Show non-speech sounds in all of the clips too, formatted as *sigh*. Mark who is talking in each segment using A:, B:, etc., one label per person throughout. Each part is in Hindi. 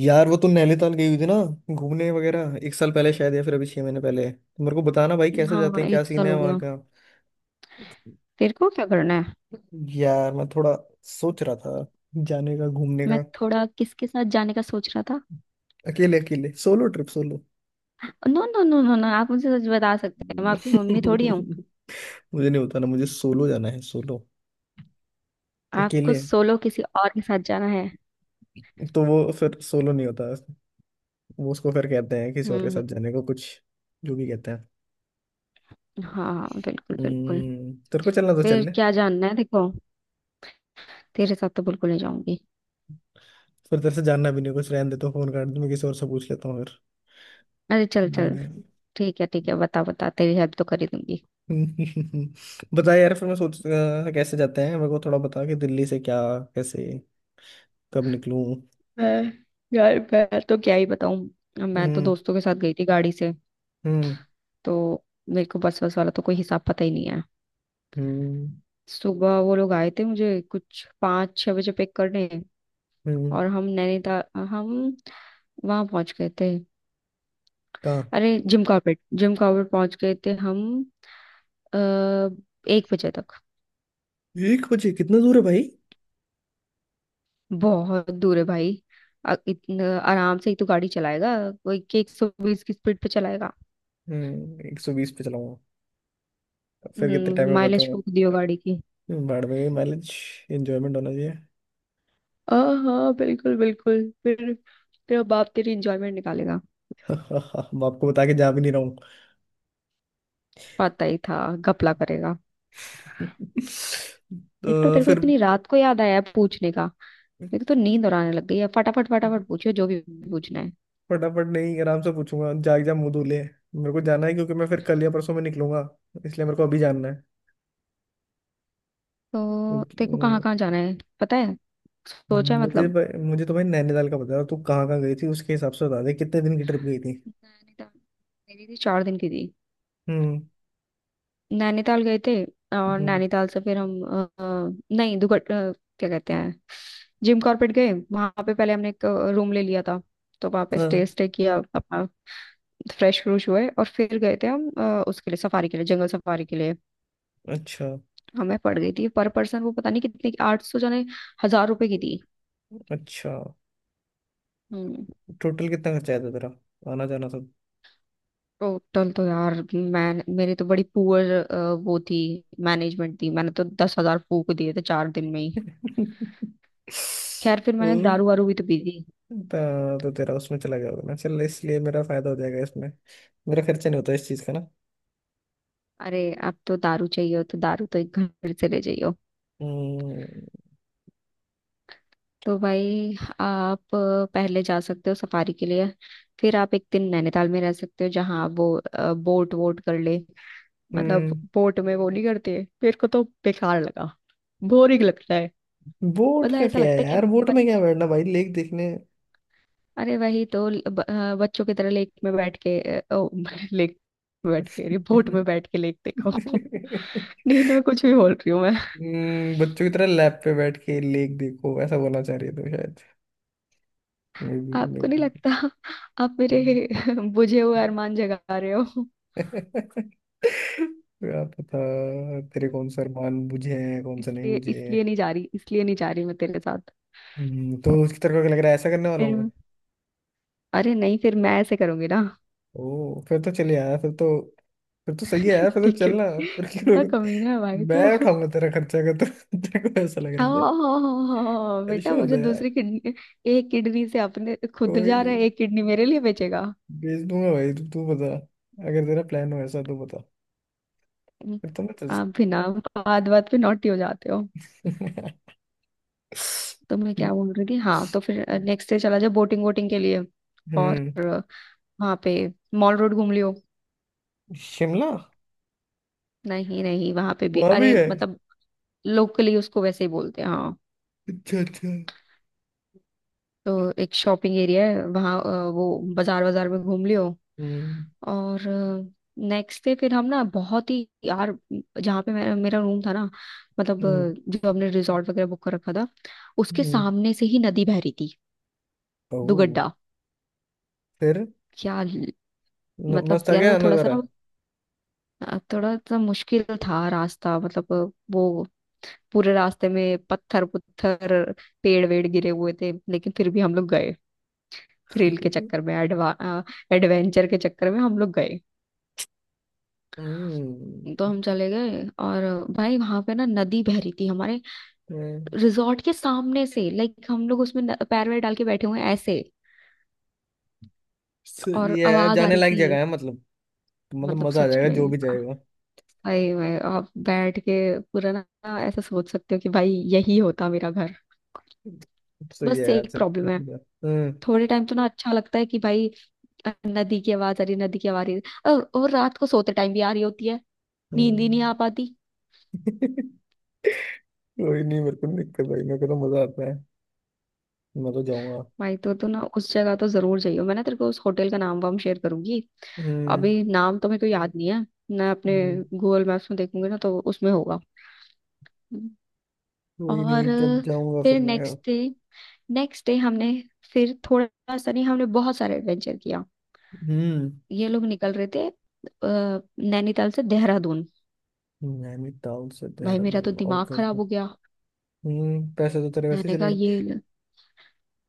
A: यार, वो तो नैनीताल गई हुई थी ना घूमने वगैरह। 1 साल पहले शायद, या फिर अभी 6 महीने पहले। तो मेरे को बताना भाई, कैसे जाते
B: हाँ,
A: हैं, क्या
B: एक
A: सीन
B: साल
A: है
B: हो
A: वहाँ
B: गया।
A: का।
B: तेरे को क्या करना है?
A: यार मैं थोड़ा सोच रहा था जाने का, घूमने
B: मैं
A: का।
B: थोड़ा किसके साथ जाने का सोच रहा था?
A: अकेले अकेले, solo trip, solo.
B: No no no no no, आप मुझे सच बता सकते हैं, मैं आपकी
A: *laughs*
B: मम्मी थोड़ी हूँ।
A: मुझे नहीं होता ना। मुझे सोलो जाना है, सोलो,
B: आपको
A: अकेले।
B: सोलो किसी और के साथ जाना है?
A: तो वो फिर सोलो नहीं होता। वो उसको फिर कहते हैं किसी और के साथ
B: हम्म।
A: जाने को कुछ। जो भी कहते हैं।
B: हाँ हाँ, बिल्कुल बिल्कुल।
A: तेरे को चलना तो
B: फिर
A: चल ले।
B: क्या जानना है, देखो। तेरे साथ तो बिल्कुल नहीं जाऊंगी।
A: फिर तेरे से जानना भी नहीं कुछ, रहने दे, तो फोन कर दूं, मैं किसी और से पूछ लेता हूँ।
B: अरे, चल चल।
A: फिर।
B: ठीक है, ठीक है, बता बता, तेरी हेल्प तो कर ही दूंगी।
A: *laughs* बता यार, फिर मैं सोच कैसे जाते हैं, मेरे को थोड़ा बता कि दिल्ली से क्या, कैसे, कब निकलूं।
B: मैं यार, मैं तो क्या ही बताऊं, मैं तो
A: हम्म।
B: दोस्तों के साथ गई थी गाड़ी से।
A: हम्म।
B: तो मेरे को बस बस वाला तो कोई हिसाब पता ही नहीं है।
A: हम्म।
B: सुबह वो लोग आए थे मुझे कुछ 5-6 बजे पिक करने।
A: हम्म।
B: और हम नैनीताल, हम वहां पहुंच गए थे।
A: कहाँ?
B: अरे, जिम कॉर्बेट पहुंच गए थे हम, आ, 1 बजे तक।
A: 1 बजे? कितना दूर है भाई?
B: बहुत दूर है भाई। इतना आराम से ही तो गाड़ी चलाएगा, कोई के 120 की स्पीड पे चलाएगा।
A: हम्म, 120 पे चलाऊंगा। फिर कितने टाइम में
B: माइलेज
A: पहुंचूंगा?
B: फूक दियो गाड़ी की।
A: भाड़ में भी माइलेज। एंजॉयमेंट होना चाहिए।
B: हाँ हाँ, बिल्कुल बिल्कुल। फिर तेरा बाप तेरी इंजॉयमेंट निकालेगा।
A: *laughs* बाप को बता के जा भी नहीं रहा हूँ।
B: पता ही था घपला करेगा।
A: *laughs*
B: एक तो
A: तो
B: तेरे को
A: फिर।
B: इतनी रात को याद आया पूछने का। देखो तो, नींद और आने लग गई है, फटाफट फटाफट पूछियो जो भी पूछना है।
A: फटाफट नहीं, आराम से पूछूंगा। जाग जा, मुंह धो ले। मेरे को जाना है क्योंकि मैं फिर कल या परसों में निकलूंगा, इसलिए मेरे को अभी जानना।
B: तो देखो, कहाँ
A: क्योंकि,
B: कहाँ जाना है पता है?
A: अम,
B: सोचा है
A: मुझे
B: मतलब?
A: भाई- मुझे तो भाई नैनीताल का बता रहा। तू कहाँ कहाँ गई थी उसके हिसाब से बता दे। कितने दिन की ट्रिप गई थी?
B: नैनीताल मेरी थी, 4 दिन की थी।
A: हम्म।
B: नैनीताल गए थे, और
A: हम्म।
B: नैनीताल से फिर हम नहीं दुगट, क्या कहते हैं, जिम कॉर्बेट गए। वहां पे पहले हमने एक रूम ले लिया था, तो वहां पे स्टे
A: हाँ।
B: स्टे किया अपना। फ्रेश फ्रूश हुए, और फिर गए थे हम उसके लिए सफारी के लिए, जंगल सफारी के लिए।
A: अच्छा।
B: हमें पड़ गई थी पर पर्सन, वो पता नहीं कितने की, 800 जाने 1,000 रुपए की थी।
A: अच्छा।
B: हम्म।
A: टोटल कितना खर्चा आया था तेरा, आना जाना सब?
B: टोटल तो यार, मैं मेरी तो बड़ी पुअर वो थी, मैनेजमेंट थी, मैंने तो 10,000 फूक दिए थे 4 दिन में ही।
A: *laughs*
B: खैर, फिर
A: ओ,
B: मैंने दारू वारू भी तो पी दी।
A: तो तेरा उसमें चला गया होगा ना। चल, इसलिए मेरा फायदा हो जाएगा इसमें। मेरा खर्चा नहीं होता इस चीज का ना।
B: अरे, अब तो दारू चाहिए हो तो दारू तो एक घर से ले जाइए हो।
A: हम्म।
B: तो भाई, आप पहले जा सकते हो सफारी के लिए, फिर आप एक दिन नैनीताल में रह सकते हो जहाँ आप वो बोट वोट कर ले। मतलब
A: हम्म।
B: बोट में वो नहीं करते, मेरे को तो बेकार लगा, बोरिंग लगता है।
A: बोट
B: मतलब
A: का
B: ऐसा
A: क्या है
B: लगता है कि,
A: यार, बोट में क्या बैठना भाई, लेक देखने?
B: अरे वही तो बच्चों की तरह लेक में बैठ के, *laughs* लेक में बैठ के, अरे बोट में बैठ के लेक देखो। *laughs*
A: *laughs*
B: नींद में कुछ भी बोल रही हूँ मैं।
A: बच्चों की तरह लैब पे बैठ के लेक देखो, ऐसा बोलना चाह रही थी शायद। मे बी, मे
B: आपको नहीं
A: बी।
B: लगता आप मेरे *laughs* बुझे हुए अरमान जगा रहे हो?
A: *laughs* क्या पता तेरे कौन सा अरमान मुझे है, कौन सा नहीं
B: इसलिए
A: मुझे है।
B: इसलिए नहीं जा रही, इसलिए नहीं जा रही मैं तेरे साथ,
A: तो उसकी तरफ क्या लग रहा है, ऐसा करने वाला
B: फिर।
A: हूँ मैं?
B: अरे नहीं, फिर मैं ऐसे करूंगी ना।
A: ओ, फिर तो चले यार, फिर तो। फिर तो सही है यार,
B: *laughs*
A: फिर तो
B: देखियो
A: चलना। फिर क्यों
B: कितना
A: रोक-
B: कमीना है भाई तो।
A: मैं उठाऊंगा तेरा खर्चा, अगर तो तेरे को ऐसा लग रहा तो।
B: हाँ बेटा,
A: ऐसे
B: वो
A: होता
B: जो
A: है यार।
B: दूसरी किडनी, एक किडनी से अपने खुद
A: कोई
B: जा
A: नहीं,
B: रहा है, एक किडनी मेरे लिए बेचेगा।
A: भेज दूंगा भाई। तू तू बता, अगर तेरा प्लान हो ऐसा तो बता,
B: हम्म।
A: फिर तो मैं चल
B: आप
A: सकता
B: भी
A: है।
B: ना, बात बात पे नॉटी हो जाते हो।
A: *laughs* हम्म।
B: तो मैं क्या बोल रही थी, हाँ, तो फिर नेक्स्ट डे चला जाओ बोटिंग वोटिंग के लिए, और वहां पे मॉल रोड घूम लियो।
A: शिमला?
B: नहीं नहीं, वहां पे भी,
A: वहां भी
B: अरे
A: है?
B: मतलब लोकली उसको वैसे ही बोलते हैं, हाँ।
A: अच्छा, अच्छा।
B: तो एक शॉपिंग एरिया है वहाँ, वो बाजार बाजार में घूम लियो।
A: हम्म।
B: और नेक्स्ट डे, फिर हम ना बहुत ही यार, जहाँ पे मेरा मेरा रूम था ना, मतलब,
A: हम्म।
B: जो हमने रिजॉर्ट वगैरह बुक कर रखा था, उसके
A: हम्म।
B: सामने से ही नदी बह रही थी।
A: ओ,
B: दुगड्डा।
A: फिर
B: क्या ल- मतलब
A: मस्त आ
B: यार,
A: गया
B: वो थोड़ा सा
A: नजारा।
B: ना, थोड़ा सा मुश्किल था रास्ता, मतलब, वो पूरे रास्ते में पत्थर पुत्थर, पेड़ वेड़ गिरे हुए थे, लेकिन फिर भी हम लोग गए, थ्रिल के चक्कर में, एडवा एडवेंचर के चक्कर में हम लोग गए।
A: हम्म।
B: तो हम चले गए, और भाई, वहां पे ना नदी बह रही थी हमारे
A: हम्म।
B: रिजॉर्ट के सामने से। लाइक हम लोग उसमें पैर वैर डाल के बैठे हुए हैं ऐसे,
A: सो
B: और
A: ये है
B: आवाज आ
A: जाने
B: रही
A: लायक जगह
B: थी।
A: है, मतलब। मतलब
B: मतलब
A: मजा आ
B: सच
A: जाएगा जो
B: में
A: भी जाएगा।
B: भाई, मैं आप बैठ के पूरा ना, ऐसा सोच सकते हो कि भाई, यही होता मेरा घर।
A: सो ये
B: बस
A: है यार,
B: एक
A: चल।
B: प्रॉब्लम है।
A: हम्म।
B: थोड़े टाइम तो ना अच्छा लगता है कि भाई, नदी की आवाज आ रही, नदी की आवाज आ रही, और रात को सोते टाइम भी आ रही होती है, नींद ही नहीं
A: हम्म।
B: आ पाती।
A: *laughs* कोई नहीं, मेरे को नहीं दिक्कत भाई, मेरे को तो मजा आता है। मैं तो जाऊंगा।
B: भाई, तो ना उस जगह तो जरूर जाइयो। मैं ना तेरे को उस होटल का नाम वाम शेयर करूंगी।
A: हम्म।
B: अभी नाम तो मेरे को याद नहीं है, मैं अपने
A: हम्म।
B: गूगल मैप्स में देखूंगी ना तो उसमें होगा।
A: कोई
B: और
A: नहीं, जब जाऊंगा फिर
B: फिर
A: मैं।
B: नेक्स्ट डे, हमने फिर थोड़ा सा नहीं, हमने बहुत सारे एडवेंचर किया।
A: हम्म।
B: ये लोग निकल रहे थे, नैनीताल से देहरादून।
A: नैनीताल से
B: भाई मेरा तो
A: देहरादून?
B: दिमाग
A: ओके, ओके।
B: खराब हो गया।
A: हम्म, पैसे तो तेरे वैसे ही
B: मैंने
A: चले
B: कहा
A: गए।
B: ये,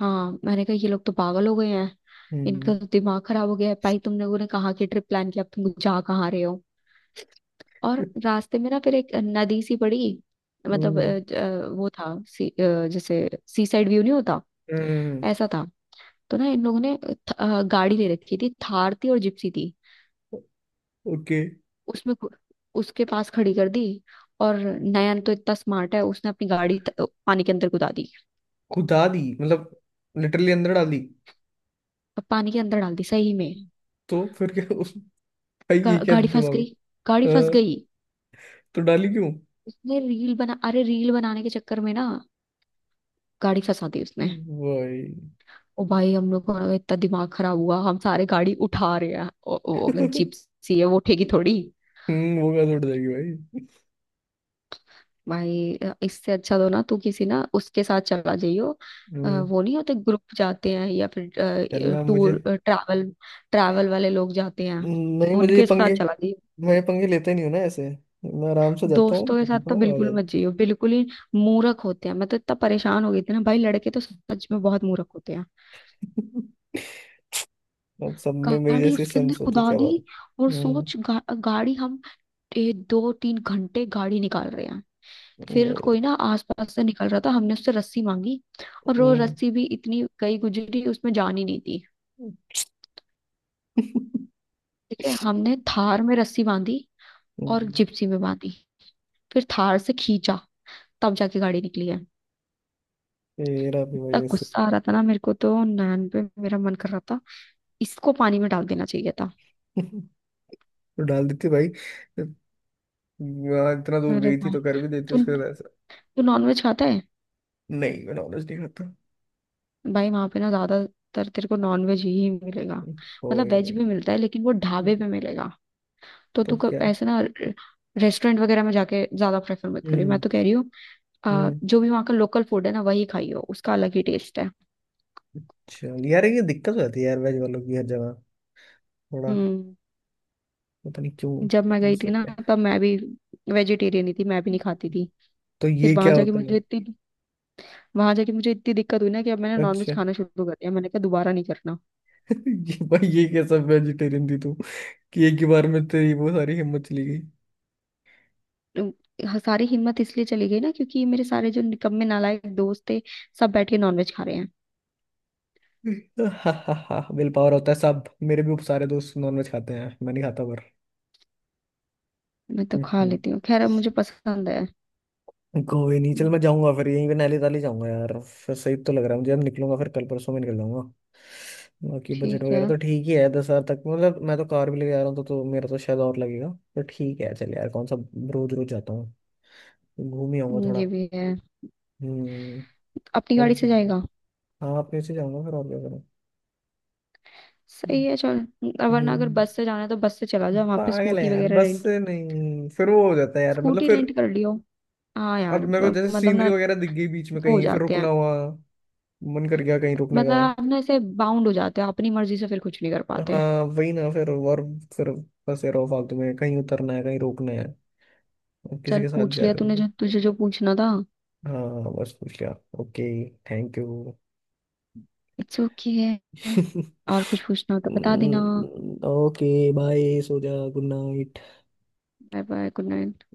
B: हाँ, मैंने कहा ये लोग तो पागल हो गए हैं,
A: हम्म।
B: इनका तो दिमाग खराब हो गया है। भाई तुम लोगों ने कहाँ की ट्रिप प्लान किया, अब तुम जा कहाँ रहे हो? और रास्ते में ना फिर एक नदी सी पड़ी, मतलब
A: हम्म।
B: वो था सी, जैसे सी साइड व्यू नहीं होता,
A: हम्म।
B: ऐसा था। तो ना इन लोगों ने गाड़ी ले रखी थी, थार थी और जिप्सी थी।
A: ओके।
B: उसमें उसके पास खड़ी कर दी। और नयन तो इतना स्मार्ट है, उसने अपनी गाड़ी पानी के अंदर कुदा दी।
A: खुदा दी मतलब? लिटरली अंदर डाली?
B: अब पानी के अंदर डाल दी सही में।
A: तो फिर क्या उस भाई, ये क्या
B: गाड़ी फंस
A: दिमाग
B: गई,
A: है?
B: गाड़ी फंस
A: हाँ,
B: गई।
A: तो डाली क्यों
B: उसने रील बना, अरे रील बनाने के चक्कर में ना गाड़ी फंसा दी उसने।
A: भाई?
B: ओ भाई, हम लोग का इतना दिमाग खराब हुआ, हम सारे गाड़ी उठा रहे हैं। ओ, ओ, जीप सी है, वो उठेगी थोड़ी।
A: वो कहाँ से उठ जाएगी भाई?
B: भाई, इससे अच्छा तो ना तू किसी ना उसके साथ चला जाइयो।
A: हम्म।
B: वो नहीं होते ग्रुप जाते हैं, या फिर
A: चलना मुझे।
B: टूर ट्रैवल, वाले लोग जाते हैं,
A: नहीं, मुझे ये
B: उनके साथ
A: पंगे।
B: चला जाइयो।
A: मैं ये पंगे लेता ही नहीं हूँ ना ऐसे। मैं आराम से जाता हूँ,
B: दोस्तों के साथ
A: घूमता
B: तो
A: हूँ, आ
B: बिल्कुल मत
A: जाता
B: जाइयो, बिल्कुल ही मूर्ख होते हैं। मैं तो इतना परेशान हो गई थी ना भाई, लड़के तो सच में बहुत मूर्ख होते हैं।
A: हूँ। अब सब में मेरी
B: गाड़ी
A: जैसी
B: उसके अंदर
A: सेंस हो तो
B: खुदा
A: क्या बात है।
B: दी, और
A: हम्म।
B: सोच, गाड़ी हम 2-3 घंटे गाड़ी निकाल रहे हैं। फिर
A: वही।
B: कोई ना आसपास से निकल रहा था, हमने उससे रस्सी मांगी। और वो
A: हम्म।
B: रस्सी भी इतनी गई गुजरी, उसमें जान ही नहीं थी।
A: *laughs*
B: ठीक है, हमने थार में रस्सी बांधी और
A: हम्म,
B: जिप्सी में बांधी, फिर थार से खींचा, तब जाके गाड़ी निकली है।
A: तेरा भी वही
B: इतना
A: ऐसे।
B: गुस्सा आ रहा था ना मेरे को तो नैन पे, मेरा मन कर रहा था इसको पानी में डाल देना चाहिए था।
A: *laughs* तो डाल देती भाई, वहाँ इतना दूर
B: अरे
A: गई थी
B: भाई,
A: तो कर भी देती
B: तू
A: उसके साथ
B: तू
A: ऐसा।
B: नॉनवेज खाता है?
A: नहीं, मैं नॉलेज नहीं खाता।
B: भाई, वहां पे ना ज्यादातर तेरे को नॉन वेज ही मिलेगा, मतलब वेज
A: कोई
B: भी मिलता है, लेकिन वो ढाबे
A: नहीं,
B: पे मिलेगा। तो
A: तो
B: तू कब,
A: क्या है?
B: ऐसे ना, रेस्टोरेंट वगैरह में जाके ज्यादा प्रेफर मत करियो, मैं
A: हम्म।
B: तो कह रही हूँ।
A: हम्म
B: जो भी वहाँ का लोकल फूड है ना, वही खाइयो, उसका अलग ही टेस्ट है।
A: चल यार, ये दिक्कत हो जाती है यार वेज वालों की हर जगह, थोड़ा
B: हम्म
A: पता नहीं
B: जब मैं
A: क्यों,
B: गई थी
A: ऐसे ही
B: ना,
A: है।
B: तब मैं भी वेजिटेरियन ही थी, मैं भी नहीं खाती थी।
A: तो
B: फिर
A: ये
B: वहां
A: क्या
B: जाके
A: होता
B: मुझे
A: है?
B: इतनी, वहां जाके मुझे इतनी दिक्कत हुई ना कि अब मैंने
A: अच्छा,
B: नॉनवेज खाना शुरू कर दिया। मैंने कहा दोबारा नहीं करना।
A: ये भाई, ये कैसा वेजिटेरियन थी तू कि एक ही बार में तेरी वो सारी हिम्मत चली गई?
B: अ, हाँ, सारी हिम्मत इसलिए चली गई ना, क्योंकि मेरे सारे जो निकम्मे नालायक दोस्त थे, सब बैठ के नॉनवेज खा रहे हैं।
A: हा हा हा, विल पावर होता है सब। मेरे भी सारे दोस्त नॉनवेज खाते हैं, मैं नहीं खाता पर।
B: मैं तो
A: हम्म।
B: खा
A: हम्म।
B: लेती हूँ, खैर अब मुझे पसंद है।
A: कोई नहीं, चल
B: हम्म,
A: मैं जाऊंगा फिर यहीं पे। नैली ताली जाऊंगा यार, फिर सही तो लग रहा है मुझे। अब निकलूंगा फिर, कल परसों में निकल जाऊंगा। बाकी बजट
B: ठीक है।
A: वगैरह तो ठीक ही है, 10,000 तक मतलब। मैं तो कार भी लेके जा रहा हूँ तो, मेरा तो शायद और लगेगा। तो ठीक है, चल यार, कौन सा रोज रोज जाता हूँ, घूम ही आऊंगा थोड़ा।
B: ये भी है।
A: हम्म,
B: अपनी
A: पक
B: गाड़ी से
A: गया।
B: जाएगा?
A: हाँ, अपने से जाऊंगा फिर, और क्या। हम्म,
B: सही है, चल। वरना अगर बस से जाना है तो बस से चला जाओ, वहां पे
A: पागल है
B: स्कूटी
A: यार,
B: वगैरह
A: बस
B: रेंट,
A: से नहीं, फिर वो हो जाता है यार, मतलब।
B: स्कूटी
A: फिर
B: रेंट कर लियो। हाँ
A: अब
B: यार,
A: मेरे को जैसे
B: मतलब
A: सीनरी
B: ना,
A: वगैरह दिख गई बीच में
B: वो हो
A: कहीं, फिर
B: जाते
A: रुकना
B: हैं,
A: हुआ, मन कर गया कहीं रुकने
B: मतलब
A: का।
B: आप ना ऐसे बाउंड हो जाते हो, अपनी मर्जी से फिर कुछ नहीं कर पाते।
A: हाँ वही ना। फिर, और फिर फंसे रहो फालतू में, कहीं उतरना है, कहीं रुकना है, अब किसी
B: चल,
A: के साथ
B: पूछ
A: जा
B: लिया
A: रहे हो
B: तूने
A: तो।
B: जो तुझे जो पूछना था।
A: हाँ, बस पूछ लिया। Okay. Thank you.
B: It's okay, okay है। और कुछ पूछना हो तो बता देना।
A: *laughs* ओके, बाय, सो जा, good night.
B: Bye bye, good night.